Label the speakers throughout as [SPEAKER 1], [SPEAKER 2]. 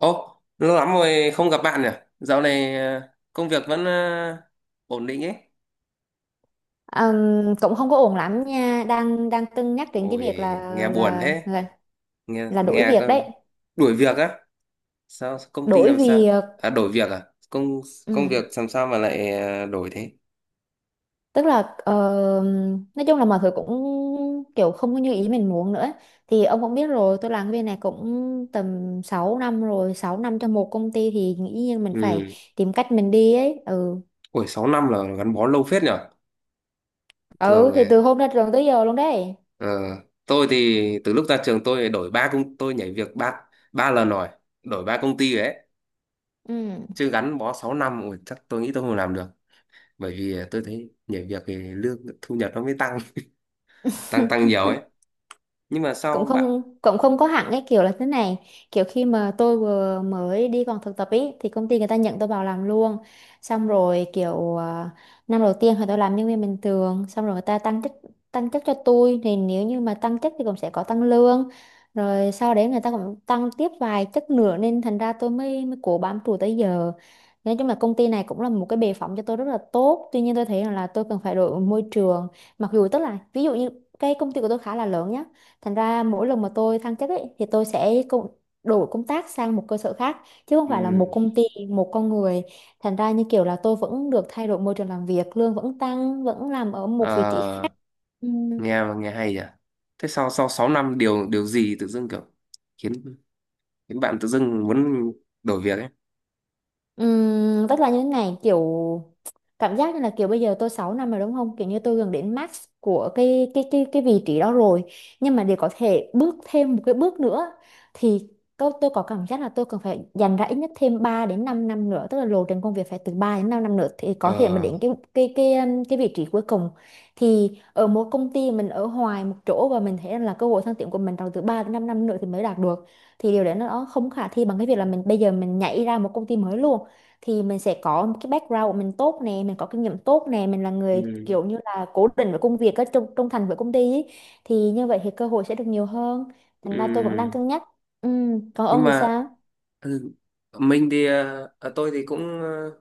[SPEAKER 1] Ô, lâu lắm rồi không gặp bạn nhỉ? Dạo này công việc vẫn ổn định ấy.
[SPEAKER 2] Cũng không có ổn lắm nha, đang đang cân nhắc đến cái
[SPEAKER 1] Ôi,
[SPEAKER 2] việc là
[SPEAKER 1] nghe buồn
[SPEAKER 2] là
[SPEAKER 1] thế.
[SPEAKER 2] là
[SPEAKER 1] Nghe
[SPEAKER 2] là đổi
[SPEAKER 1] nghe
[SPEAKER 2] việc
[SPEAKER 1] cơ.
[SPEAKER 2] đấy,
[SPEAKER 1] Đuổi việc á? Sao công ty
[SPEAKER 2] đổi
[SPEAKER 1] làm sao?
[SPEAKER 2] việc.
[SPEAKER 1] À đổi việc à? Công công việc
[SPEAKER 2] ừ.
[SPEAKER 1] làm sao mà lại đổi thế?
[SPEAKER 2] tức là ờ, nói chung là mọi thứ cũng kiểu không có như ý mình muốn nữa. Thì ông cũng biết rồi, tôi làm cái bên này cũng tầm 6 năm rồi, 6 năm cho một công ty thì nghĩ nhiên mình phải
[SPEAKER 1] Ừ.
[SPEAKER 2] tìm cách mình đi ấy. Ừ,
[SPEAKER 1] Ôi, 6 năm là gắn bó lâu phết nhỉ.
[SPEAKER 2] ừ
[SPEAKER 1] Thường
[SPEAKER 2] thì
[SPEAKER 1] thì,
[SPEAKER 2] từ hôm ra trường tới giờ luôn đấy.
[SPEAKER 1] ờ, tôi thì từ lúc ra trường tôi nhảy việc ba ba lần rồi, đổi 3 công ty rồi đấy.
[SPEAKER 2] Ừ,
[SPEAKER 1] Chứ gắn bó 6 năm ôi, chắc tôi nghĩ tôi không làm được. Bởi vì tôi thấy nhảy việc thì lương thu nhập nó mới tăng tăng tăng nhiều ấy, nhưng mà sau
[SPEAKER 2] cũng
[SPEAKER 1] bạn
[SPEAKER 2] không cũng không có hẳn cái kiểu là thế này, kiểu khi mà tôi vừa mới đi còn thực tập ý thì công ty người ta nhận tôi vào làm luôn, xong rồi kiểu năm đầu tiên thì tôi làm nhân viên bình thường, xong rồi người ta tăng chức, tăng chức cho tôi. Thì nếu như mà tăng chức thì cũng sẽ có tăng lương, rồi sau đấy người ta cũng tăng tiếp vài chức nữa, nên thành ra tôi mới mới cố bám trụ tới giờ. Nói chung là công ty này cũng là một cái bệ phóng cho tôi rất là tốt, tuy nhiên tôi thấy rằng là tôi cần phải đổi môi trường. Mặc dù tức là ví dụ như cái công ty của tôi khá là lớn nhá. Thành ra mỗi lần mà tôi thăng chức ấy, thì tôi sẽ đổi công tác sang một cơ sở khác, chứ không phải là một
[SPEAKER 1] ừ.
[SPEAKER 2] công ty, một con người. Thành ra như kiểu là tôi vẫn được thay đổi môi trường làm việc, lương vẫn tăng, vẫn làm ở một vị trí
[SPEAKER 1] ờ,
[SPEAKER 2] khác. Ừm,
[SPEAKER 1] nghe nghe hay nhỉ, thế sau sau 6 năm điều điều gì tự dưng kiểu khiến khiến bạn tự dưng muốn đổi việc ấy?
[SPEAKER 2] Tức là như thế này, kiểu cảm giác như là kiểu bây giờ tôi 6 năm rồi đúng không, kiểu như tôi gần đến max của cái vị trí đó rồi, nhưng mà để có thể bước thêm một cái bước nữa thì tôi có cảm giác là tôi cần phải dành ra ít nhất thêm 3 đến 5 năm nữa. Tức là lộ trình công việc phải từ 3 đến 5 năm nữa thì
[SPEAKER 1] ờ
[SPEAKER 2] có thể mà đến cái vị trí cuối cùng. Thì ở một công ty mình ở hoài một chỗ và mình thấy là cơ hội thăng tiến của mình trong từ 3 đến 5 năm nữa thì mới đạt được, thì điều đấy nó không khả thi bằng cái việc là mình bây giờ mình nhảy ra một công ty mới luôn. Thì mình sẽ có một cái background của mình tốt nè, mình có kinh nghiệm tốt nè, mình là
[SPEAKER 1] ừ.
[SPEAKER 2] người kiểu như là cố định với công việc á, trung thành với công ty ý. Thì như vậy thì cơ hội sẽ được nhiều hơn, thành ra tôi vẫn đang
[SPEAKER 1] Ừ.
[SPEAKER 2] cân nhắc. Ừ, còn
[SPEAKER 1] Nhưng
[SPEAKER 2] ông thì
[SPEAKER 1] mà
[SPEAKER 2] sao?
[SPEAKER 1] ừ, mình thì ờ, ờ, tôi thì cũng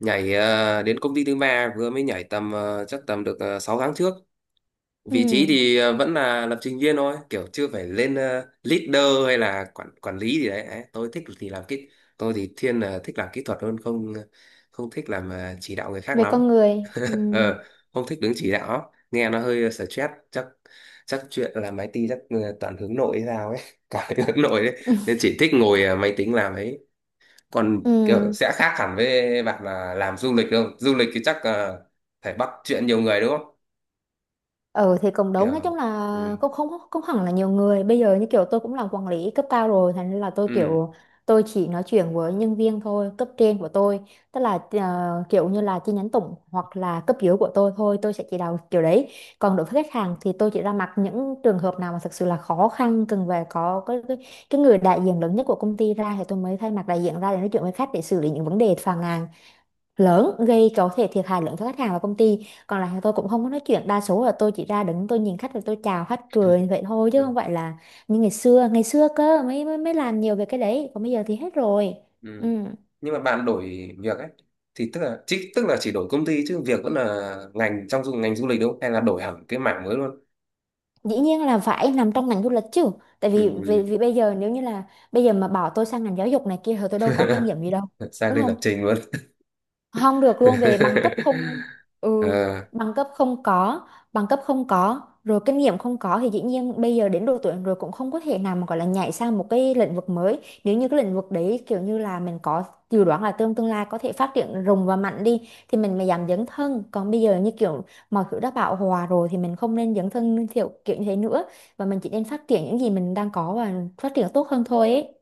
[SPEAKER 1] nhảy đến công ty thứ ba, vừa mới nhảy tầm chắc tầm được 6 tháng trước. Vị trí
[SPEAKER 2] Ừ,
[SPEAKER 1] thì vẫn là lập trình viên thôi, kiểu chưa phải lên leader hay là quản quản lý gì đấy. Đấy, tôi thì thiên là thích làm kỹ thuật hơn, không thích làm chỉ đạo người khác
[SPEAKER 2] về
[SPEAKER 1] lắm.
[SPEAKER 2] con người. Ừ.
[SPEAKER 1] ờ Không thích đứng chỉ đạo, nghe nó hơi stress chắc. Chuyện làm IT chắc toàn hướng nội hay sao ấy. Cả hướng nội đấy. Nên chỉ thích ngồi máy tính làm ấy. Còn
[SPEAKER 2] Ừ.
[SPEAKER 1] kiểu sẽ khác hẳn với bạn là làm du lịch, không du lịch thì chắc phải bắt chuyện nhiều người đúng không?
[SPEAKER 2] Ừ thì cũng đúng, nói
[SPEAKER 1] Kiểu
[SPEAKER 2] chung
[SPEAKER 1] ừ,
[SPEAKER 2] là cũng không cũng hẳn là nhiều người, bây giờ như kiểu tôi cũng làm quản lý cấp cao rồi, thành nên là tôi
[SPEAKER 1] ừ,
[SPEAKER 2] kiểu tôi chỉ nói chuyện với nhân viên thôi, cấp trên của tôi tức là kiểu như là chi nhánh tổng, hoặc là cấp dưới của tôi thôi tôi sẽ chỉ đạo kiểu đấy. Còn đối với khách hàng thì tôi chỉ ra mặt những trường hợp nào mà thực sự là khó khăn, cần về có cái người đại diện lớn nhất của công ty ra, thì tôi mới thay mặt đại diện ra để nói chuyện với khách để xử lý những vấn đề phàn nàn lớn gây có thể thiệt hại lớn cho khách hàng và công ty. Còn lại thì tôi cũng không có nói chuyện, đa số là tôi chỉ ra đứng tôi nhìn khách và tôi chào khách cười vậy thôi, chứ
[SPEAKER 1] ừ.
[SPEAKER 2] không phải là như ngày xưa. Ngày xưa cơ mới mới làm nhiều về cái đấy, còn bây giờ thì hết rồi. Ừ,
[SPEAKER 1] Ừ. Nhưng mà bạn đổi việc ấy thì tức là chỉ, đổi công ty chứ việc vẫn là ngành trong ngành du lịch đúng không? Hay là đổi hẳn cái mảng mới luôn?
[SPEAKER 2] dĩ nhiên là phải nằm trong ngành du lịch chứ, tại vì vì
[SPEAKER 1] Ừ.
[SPEAKER 2] bây giờ nếu như là bây giờ mà bảo tôi sang ngành giáo dục này kia thì tôi đâu có kinh nghiệm gì đâu,
[SPEAKER 1] Sang
[SPEAKER 2] đúng
[SPEAKER 1] đây
[SPEAKER 2] không?
[SPEAKER 1] lập trình luôn.
[SPEAKER 2] Không được luôn, về bằng cấp không. Ừ,
[SPEAKER 1] Ờ,
[SPEAKER 2] bằng cấp không có, bằng cấp không có rồi kinh nghiệm không có, thì dĩ nhiên bây giờ đến độ tuổi rồi cũng không có thể nào mà gọi là nhảy sang một cái lĩnh vực mới. Nếu như cái lĩnh vực đấy kiểu như là mình có dự đoán là tương tương lai có thể phát triển rùng và mạnh đi, thì mình mới dám dấn thân. Còn bây giờ như kiểu mọi thứ đã bão hòa rồi thì mình không nên dấn thân kiểu kiểu như thế nữa, và mình chỉ nên phát triển những gì mình đang có và phát triển tốt hơn thôi ấy.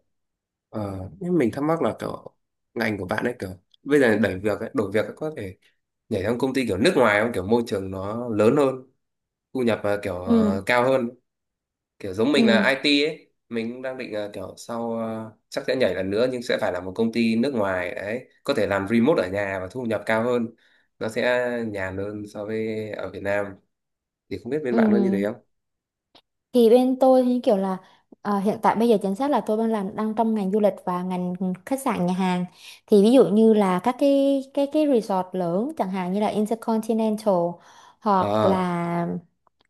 [SPEAKER 1] ờ. Nhưng mình thắc mắc là kiểu ngành của bạn ấy, kiểu bây giờ đẩy việc ấy, đổi việc ấy, có thể nhảy sang công ty kiểu nước ngoài không? Kiểu môi trường nó lớn hơn, thu nhập kiểu
[SPEAKER 2] Ừ,
[SPEAKER 1] cao hơn. Kiểu giống mình
[SPEAKER 2] ừ,
[SPEAKER 1] là IT ấy, mình cũng đang định kiểu sau chắc sẽ nhảy lần nữa nhưng sẽ phải là một công ty nước ngoài đấy, có thể làm remote ở nhà và thu nhập cao hơn, nó sẽ nhàn hơn so với ở Việt Nam. Thì không biết bên
[SPEAKER 2] ừ
[SPEAKER 1] bạn có như thế không.
[SPEAKER 2] thì bên tôi thì kiểu là hiện tại bây giờ chính xác là tôi đang làm, đang trong ngành du lịch và ngành khách sạn nhà hàng. Thì ví dụ như là các cái resort lớn, chẳng hạn như là Intercontinental
[SPEAKER 1] ờ
[SPEAKER 2] hoặc là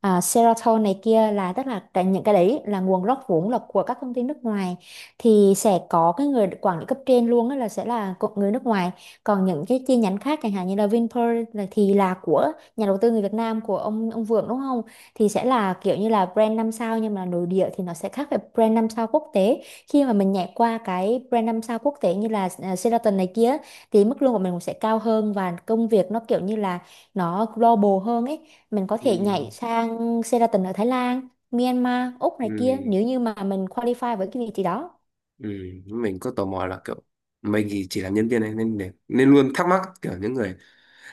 [SPEAKER 2] Sheraton này kia, là tức là những cái đấy là nguồn gốc vốn là của các công ty nước ngoài, thì sẽ có cái người quản lý cấp trên luôn á là sẽ là người nước ngoài. Còn những cái chi nhánh khác chẳng hạn như là Vinpearl là thì là của nhà đầu tư người Việt Nam, của ông Vượng, đúng không? Thì sẽ là kiểu như là brand 5 sao nhưng mà nội địa thì nó sẽ khác với brand 5 sao quốc tế. Khi mà mình nhảy qua cái brand 5 sao quốc tế như là Sheraton này kia, thì mức lương của mình cũng sẽ cao hơn và công việc nó kiểu như là nó global hơn ấy, mình có thể
[SPEAKER 1] ừ,
[SPEAKER 2] nhảy sang Sheraton ở Thái Lan, Myanmar, Úc
[SPEAKER 1] ừ,
[SPEAKER 2] này kia, nếu như mà mình qualify với cái vị trí đó.
[SPEAKER 1] ừ. Mình có tò mò là kiểu mình thì chỉ làm nhân viên này nên nên luôn thắc mắc kiểu những người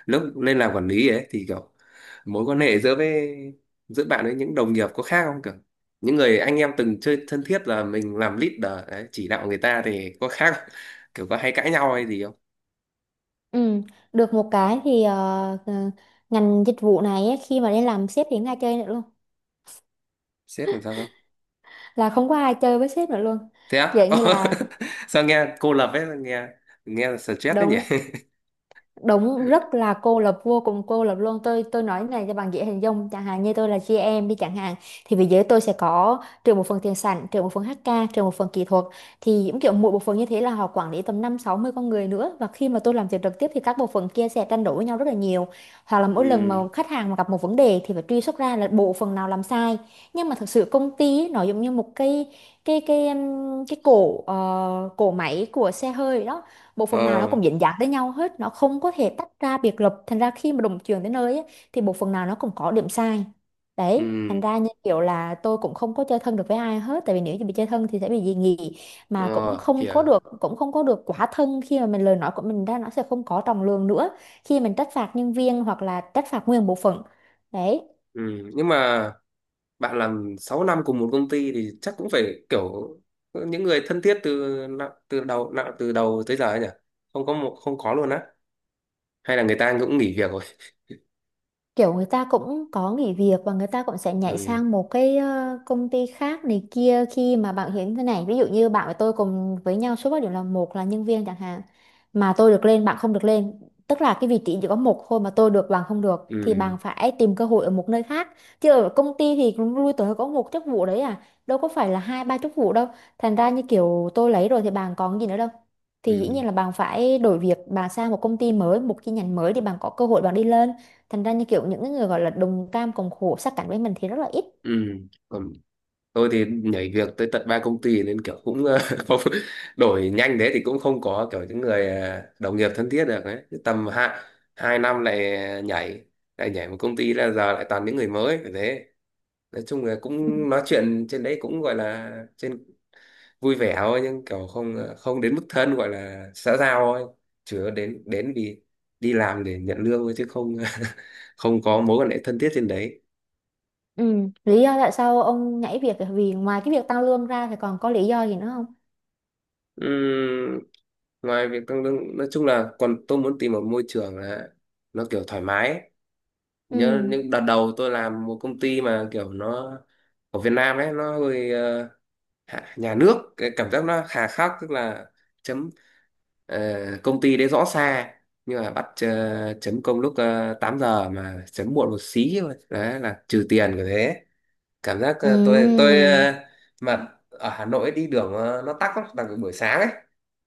[SPEAKER 1] lúc lên làm quản lý ấy thì kiểu mối quan hệ giữa với bạn với những đồng nghiệp có khác không, kiểu những người anh em từng chơi thân thiết là mình làm leader đấy, chỉ đạo người ta thì có khác không? Kiểu có hay cãi nhau hay gì không?
[SPEAKER 2] Ừ, được một cái thì ngành dịch vụ này ấy, khi mà đi làm sếp thì không ai chơi nữa luôn,
[SPEAKER 1] Sếp làm sao cơ?
[SPEAKER 2] là không có ai chơi với sếp nữa luôn,
[SPEAKER 1] Thế á?
[SPEAKER 2] kiểu
[SPEAKER 1] Ồ,
[SPEAKER 2] như là
[SPEAKER 1] sao nghe cô lập ấy, nghe nghe là stress đấy nhỉ.
[SPEAKER 2] đúng, đúng, rất là cô lập, vô cùng cô lập luôn. Tôi nói này cho bạn dễ hình dung, chẳng hạn như tôi là giê em đi chẳng hạn, thì về giới tôi sẽ có trừ một phần tiền sản, trừ một phần HK, trừ một phần kỹ thuật. Thì những kiểu mỗi bộ phận như thế là họ quản lý tầm năm sáu mươi con người nữa, và khi mà tôi làm việc trực tiếp thì các bộ phận kia sẽ tranh đấu với nhau rất là nhiều, hoặc là mỗi lần mà
[SPEAKER 1] Ừ.
[SPEAKER 2] khách hàng mà gặp một vấn đề thì phải truy xuất ra là bộ phận nào làm sai. Nhưng mà thực sự công ty ấy, nó giống như một cái cổ máy của xe hơi đó, một phần nào nó
[SPEAKER 1] ờ
[SPEAKER 2] cũng dính dáng tới nhau hết, nó không có thể tách ra biệt lập. Thành ra khi mà đồng trường đến nơi á, thì một phần nào nó cũng có điểm sai đấy. Thành
[SPEAKER 1] ừ.
[SPEAKER 2] ra như kiểu là tôi cũng không có chơi thân được với ai hết, tại vì nếu như bị chơi thân thì sẽ bị dị nghị, mà cũng
[SPEAKER 1] ờ
[SPEAKER 2] không
[SPEAKER 1] Hiểu.
[SPEAKER 2] có được, cũng không có được quá thân, khi mà mình lời nói của mình ra nó sẽ không có trọng lượng nữa khi mình trách phạt nhân viên hoặc là trách phạt nguyên bộ phận đấy.
[SPEAKER 1] Ừ, nhưng mà bạn làm 6 năm cùng một công ty thì chắc cũng phải kiểu những người thân thiết từ nạ- từ đầu tới giờ ấy nhỉ? Không có một, không có luôn á? Hay là người ta cũng nghỉ việc rồi?
[SPEAKER 2] Kiểu người ta cũng có nghỉ việc và người ta cũng sẽ nhảy
[SPEAKER 1] Ừ,
[SPEAKER 2] sang một cái công ty khác này kia. Khi mà bạn hiểm thế này, ví dụ như bạn và tôi cùng với nhau số bảo điểm là một, là nhân viên chẳng hạn, mà tôi được lên bạn không được lên, tức là cái vị trí chỉ có một thôi mà tôi được bạn không được, thì
[SPEAKER 1] ừ,
[SPEAKER 2] bạn phải tìm cơ hội ở một nơi khác, chứ ở công ty thì cũng lui tới có một chức vụ đấy à, đâu có phải là hai ba chức vụ đâu. Thành ra như kiểu tôi lấy rồi thì bạn còn gì nữa đâu, thì dĩ
[SPEAKER 1] ừ,
[SPEAKER 2] nhiên là bạn phải đổi việc, bạn sang một công ty mới, một chi nhánh mới, thì bạn có cơ hội bạn đi lên. Thành ra như kiểu những cái người gọi là đồng cam cộng khổ sát cánh với mình thì rất là ít.
[SPEAKER 1] ừ. Còn tôi thì nhảy việc tới tận 3 công ty nên kiểu cũng không, đổi nhanh thế thì cũng không có kiểu những người đồng nghiệp thân thiết được đấy. Cứ tầm hai hai năm lại nhảy, một công ty là giờ lại toàn những người mới phải thế. Nói chung là
[SPEAKER 2] Ừ.
[SPEAKER 1] cũng nói chuyện trên đấy cũng gọi là trên vui vẻ thôi, nhưng kiểu không không đến mức thân, gọi là xã giao thôi, chứ đến đến vì đi làm để nhận lương thôi chứ không không có mối quan hệ thân thiết trên đấy.
[SPEAKER 2] Ừ, lý do tại sao ông nhảy việc là vì, ngoài cái việc tăng lương ra thì còn có lý do gì nữa không?
[SPEAKER 1] Ừm, Ngoài việc tăng lương, nói chung là còn tôi muốn tìm một môi trường là nó kiểu thoải mái ấy. Nhớ
[SPEAKER 2] Ừ.
[SPEAKER 1] những đợt đầu tôi làm một công ty mà kiểu nó ở Việt Nam ấy nó hơi nhà nước, cái cảm giác nó hà khắc, tức là chấm Ờ, công ty đấy rõ xa nhưng mà bắt chấm công lúc 8 giờ mà chấm muộn một xí thôi đấy là trừ tiền của thế. Cảm giác tôi
[SPEAKER 2] Ừ.
[SPEAKER 1] tôi mà ở Hà Nội đi đường nó tắc lắm, đặc biệt buổi sáng ấy,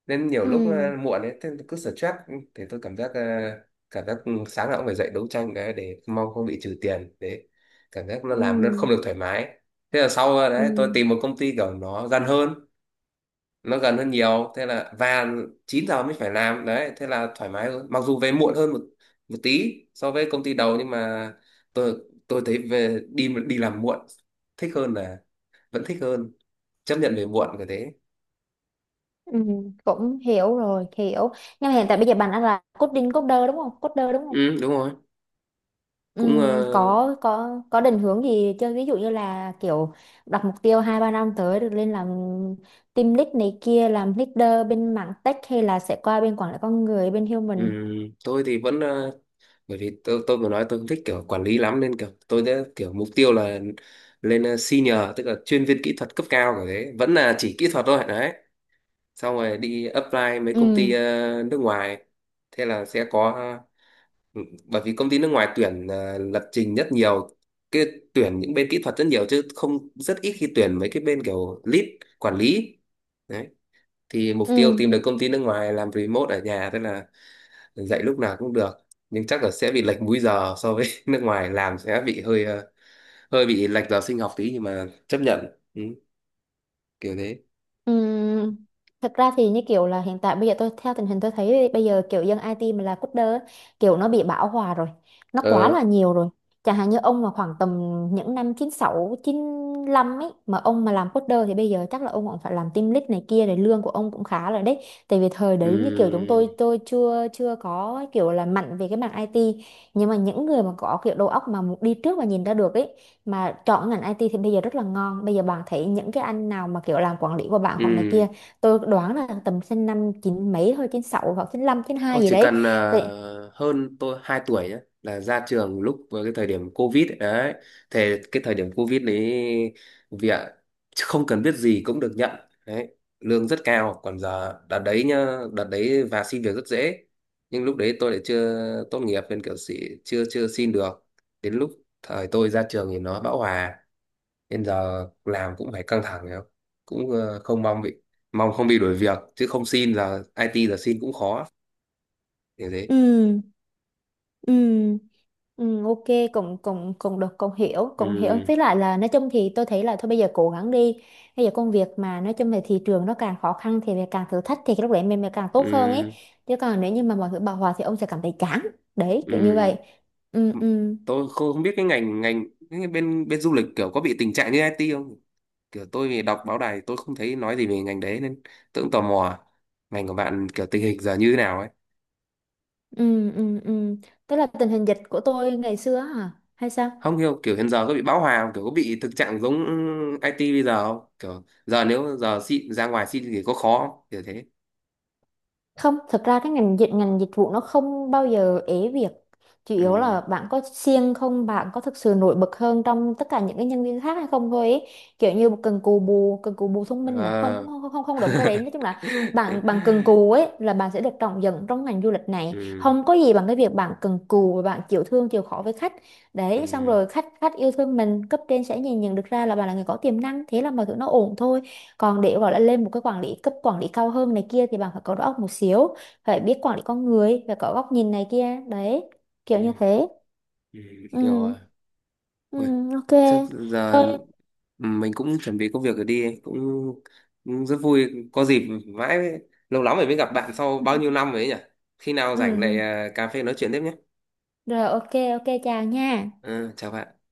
[SPEAKER 1] nên nhiều lúc
[SPEAKER 2] Ừ.
[SPEAKER 1] muộn ấy thế cứ stress. Thì tôi cảm giác sáng nào cũng phải dậy đấu tranh cái để mong không bị trừ tiền đấy, cảm giác nó
[SPEAKER 2] Ừ.
[SPEAKER 1] làm nó không được thoải mái. Thế là sau
[SPEAKER 2] Ừ.
[SPEAKER 1] đấy tôi tìm một công ty kiểu nó gian hơn, nó gần hơn nhiều, thế là và 9 giờ mới phải làm đấy, thế là thoải mái hơn, mặc dù về muộn hơn một một tí so với công ty đầu nhưng mà tôi tôi thấy về đi đi làm muộn thích hơn là thích hơn, chấp nhận về muộn cái thế.
[SPEAKER 2] Ừ. Cũng hiểu rồi, hiểu. Nhưng mà hiện tại bây giờ bạn đang là coding, coder đúng không, coder đúng không?
[SPEAKER 1] Ừ, đúng rồi. Cũng
[SPEAKER 2] Có có định hướng gì chưa, ví dụ như là kiểu đặt mục tiêu hai ba năm tới được lên làm team lead này kia, làm leader bên mảng tech, hay là sẽ qua bên quản lý con người, bên human?
[SPEAKER 1] tôi thì vẫn bởi vì tôi vừa nói tôi không thích kiểu quản lý lắm nên kiểu tôi đã kiểu mục tiêu là lên senior, tức là chuyên viên kỹ thuật cấp cao, cái thế vẫn là chỉ kỹ thuật thôi đấy. Xong rồi đi apply mấy công ty
[SPEAKER 2] Ừ,
[SPEAKER 1] nước ngoài thế là sẽ có. Ừ, bởi vì công ty nước ngoài tuyển lập trình rất nhiều, cái tuyển những bên kỹ thuật rất nhiều chứ không, rất ít khi tuyển mấy cái bên kiểu lead, quản lý đấy. Thì mục tiêu
[SPEAKER 2] ừ.
[SPEAKER 1] tìm được công ty nước ngoài làm remote ở nhà, tức là dạy lúc nào cũng được, nhưng chắc là sẽ bị lệch múi giờ so với nước ngoài làm, sẽ bị hơi hơi bị lệch giờ sinh học tí nhưng mà chấp nhận. Ừ, kiểu thế.
[SPEAKER 2] Ừm, Thật ra thì như kiểu là hiện tại bây giờ tôi theo tình hình tôi thấy thì bây giờ kiểu dân IT mà là coder á, kiểu nó bị bão hòa rồi, nó quá
[SPEAKER 1] ờ
[SPEAKER 2] là nhiều rồi. Chẳng hạn như ông mà khoảng tầm những năm chín sáu chín 95 ấy, mà ông mà làm coder thì bây giờ chắc là ông cũng phải làm team lead này kia rồi, lương của ông cũng khá rồi đấy. Tại vì thời đấy như kiểu chúng
[SPEAKER 1] ừ,
[SPEAKER 2] tôi chưa chưa có kiểu là mạnh về cái mảng IT, nhưng mà những người mà có kiểu đầu óc mà đi trước và nhìn ra được ấy, mà chọn ngành IT thì bây giờ rất là ngon. Bây giờ bạn thấy những cái anh nào mà kiểu làm quản lý của bạn hoặc này
[SPEAKER 1] ừ.
[SPEAKER 2] kia, tôi đoán là tầm sinh năm chín mấy thôi, chín sáu hoặc chín lăm chín
[SPEAKER 1] Ồ,
[SPEAKER 2] hai gì
[SPEAKER 1] chỉ
[SPEAKER 2] đấy.
[SPEAKER 1] cần
[SPEAKER 2] Tại-
[SPEAKER 1] hơn tôi 2 tuổi nhé, là ra trường lúc với cái thời điểm Covid ấy. Đấy, thì cái thời điểm Covid đấy việc không cần biết gì cũng được nhận đấy, lương rất cao. Còn giờ, đợt đấy nhá, đợt đấy và xin việc rất dễ, nhưng lúc đấy tôi lại chưa tốt nghiệp nên kiểu sĩ, chưa chưa xin được. Đến lúc thời tôi ra trường thì nó bão hòa, nên giờ làm cũng phải căng thẳng hiểu không. Cũng không mong bị mong không bị đuổi việc chứ không xin, là IT giờ xin cũng khó như thế.
[SPEAKER 2] ừ, ừ, ừ, ok, cũng cũng cũng được, cũng hiểu, cũng hiểu.
[SPEAKER 1] Ừ,
[SPEAKER 2] Với lại là nói chung thì tôi thấy là thôi bây giờ cố gắng đi, bây giờ công việc mà nói chung về thị trường nó càng khó khăn thì mình càng thử thách, thì cái lúc đấy mình càng tốt hơn ấy.
[SPEAKER 1] ừ,
[SPEAKER 2] Chứ còn nếu như mà mọi thứ bão hòa thì ông sẽ cảm thấy chán đấy, kiểu như
[SPEAKER 1] ừ.
[SPEAKER 2] vậy. Ừ, ừ.
[SPEAKER 1] Tôi không không biết cái ngành ngành cái bên bên du lịch kiểu có bị tình trạng như IT không. Kiểu tôi vì đọc báo đài tôi không thấy nói gì về ngành đấy nên tôi cũng tò mò ngành của bạn kiểu tình hình giờ như thế nào ấy.
[SPEAKER 2] Ừ, ừ, ừ. Tức là tình hình dịch của tôi ngày xưa á hả? Hay sao?
[SPEAKER 1] Không hiểu kiểu hiện giờ có bị bão hòa không? Kiểu có bị thực trạng giống IT bây giờ không, kiểu giờ nếu giờ xin ra ngoài xin thì có khó không? Kiểu thế.
[SPEAKER 2] Không, thật ra cái ngành dịch vụ nó không bao giờ ế việc. Chủ yếu
[SPEAKER 1] Ừ,
[SPEAKER 2] là bạn có siêng không, bạn có thực sự nổi bật hơn trong tất cả những cái nhân viên khác hay không thôi ấy. Kiểu như cần cù bù thông minh à? Không,
[SPEAKER 1] à.
[SPEAKER 2] không, không, không, không đúng cái đấy. Nói chung là bạn bạn cần cù ấy là bạn sẽ được trọng dụng trong ngành du lịch này.
[SPEAKER 1] Ừ,
[SPEAKER 2] Không có gì bằng cái việc bạn cần cù và bạn chịu thương, chịu khó với khách. Đấy, xong
[SPEAKER 1] ừ,
[SPEAKER 2] rồi khách, khách yêu thương mình, cấp trên sẽ nhìn nhận được ra là bạn là người có tiềm năng, thế là mọi thứ nó ổn thôi. Còn để gọi là lên một cái quản lý cao hơn này kia thì bạn phải có đầu óc một xíu, phải biết quản lý con người, phải có góc nhìn này kia đấy, kiểu như
[SPEAKER 1] ừ,
[SPEAKER 2] thế.
[SPEAKER 1] ừ. Hiểu rồi.
[SPEAKER 2] Ừ, ừ,
[SPEAKER 1] Ôi,
[SPEAKER 2] ok,
[SPEAKER 1] trước giờ.
[SPEAKER 2] thôi.
[SPEAKER 1] Ừ, mình cũng chuẩn bị công việc rồi đi, cũng rất vui có dịp, mãi mới- lâu lắm rồi mới gặp bạn sau bao nhiêu năm rồi ấy nhỉ. Khi nào rảnh lại
[SPEAKER 2] Ừ,
[SPEAKER 1] cà phê nói chuyện tiếp nhé.
[SPEAKER 2] rồi, ok, ok, chào nha.
[SPEAKER 1] Ừ, chào bạn.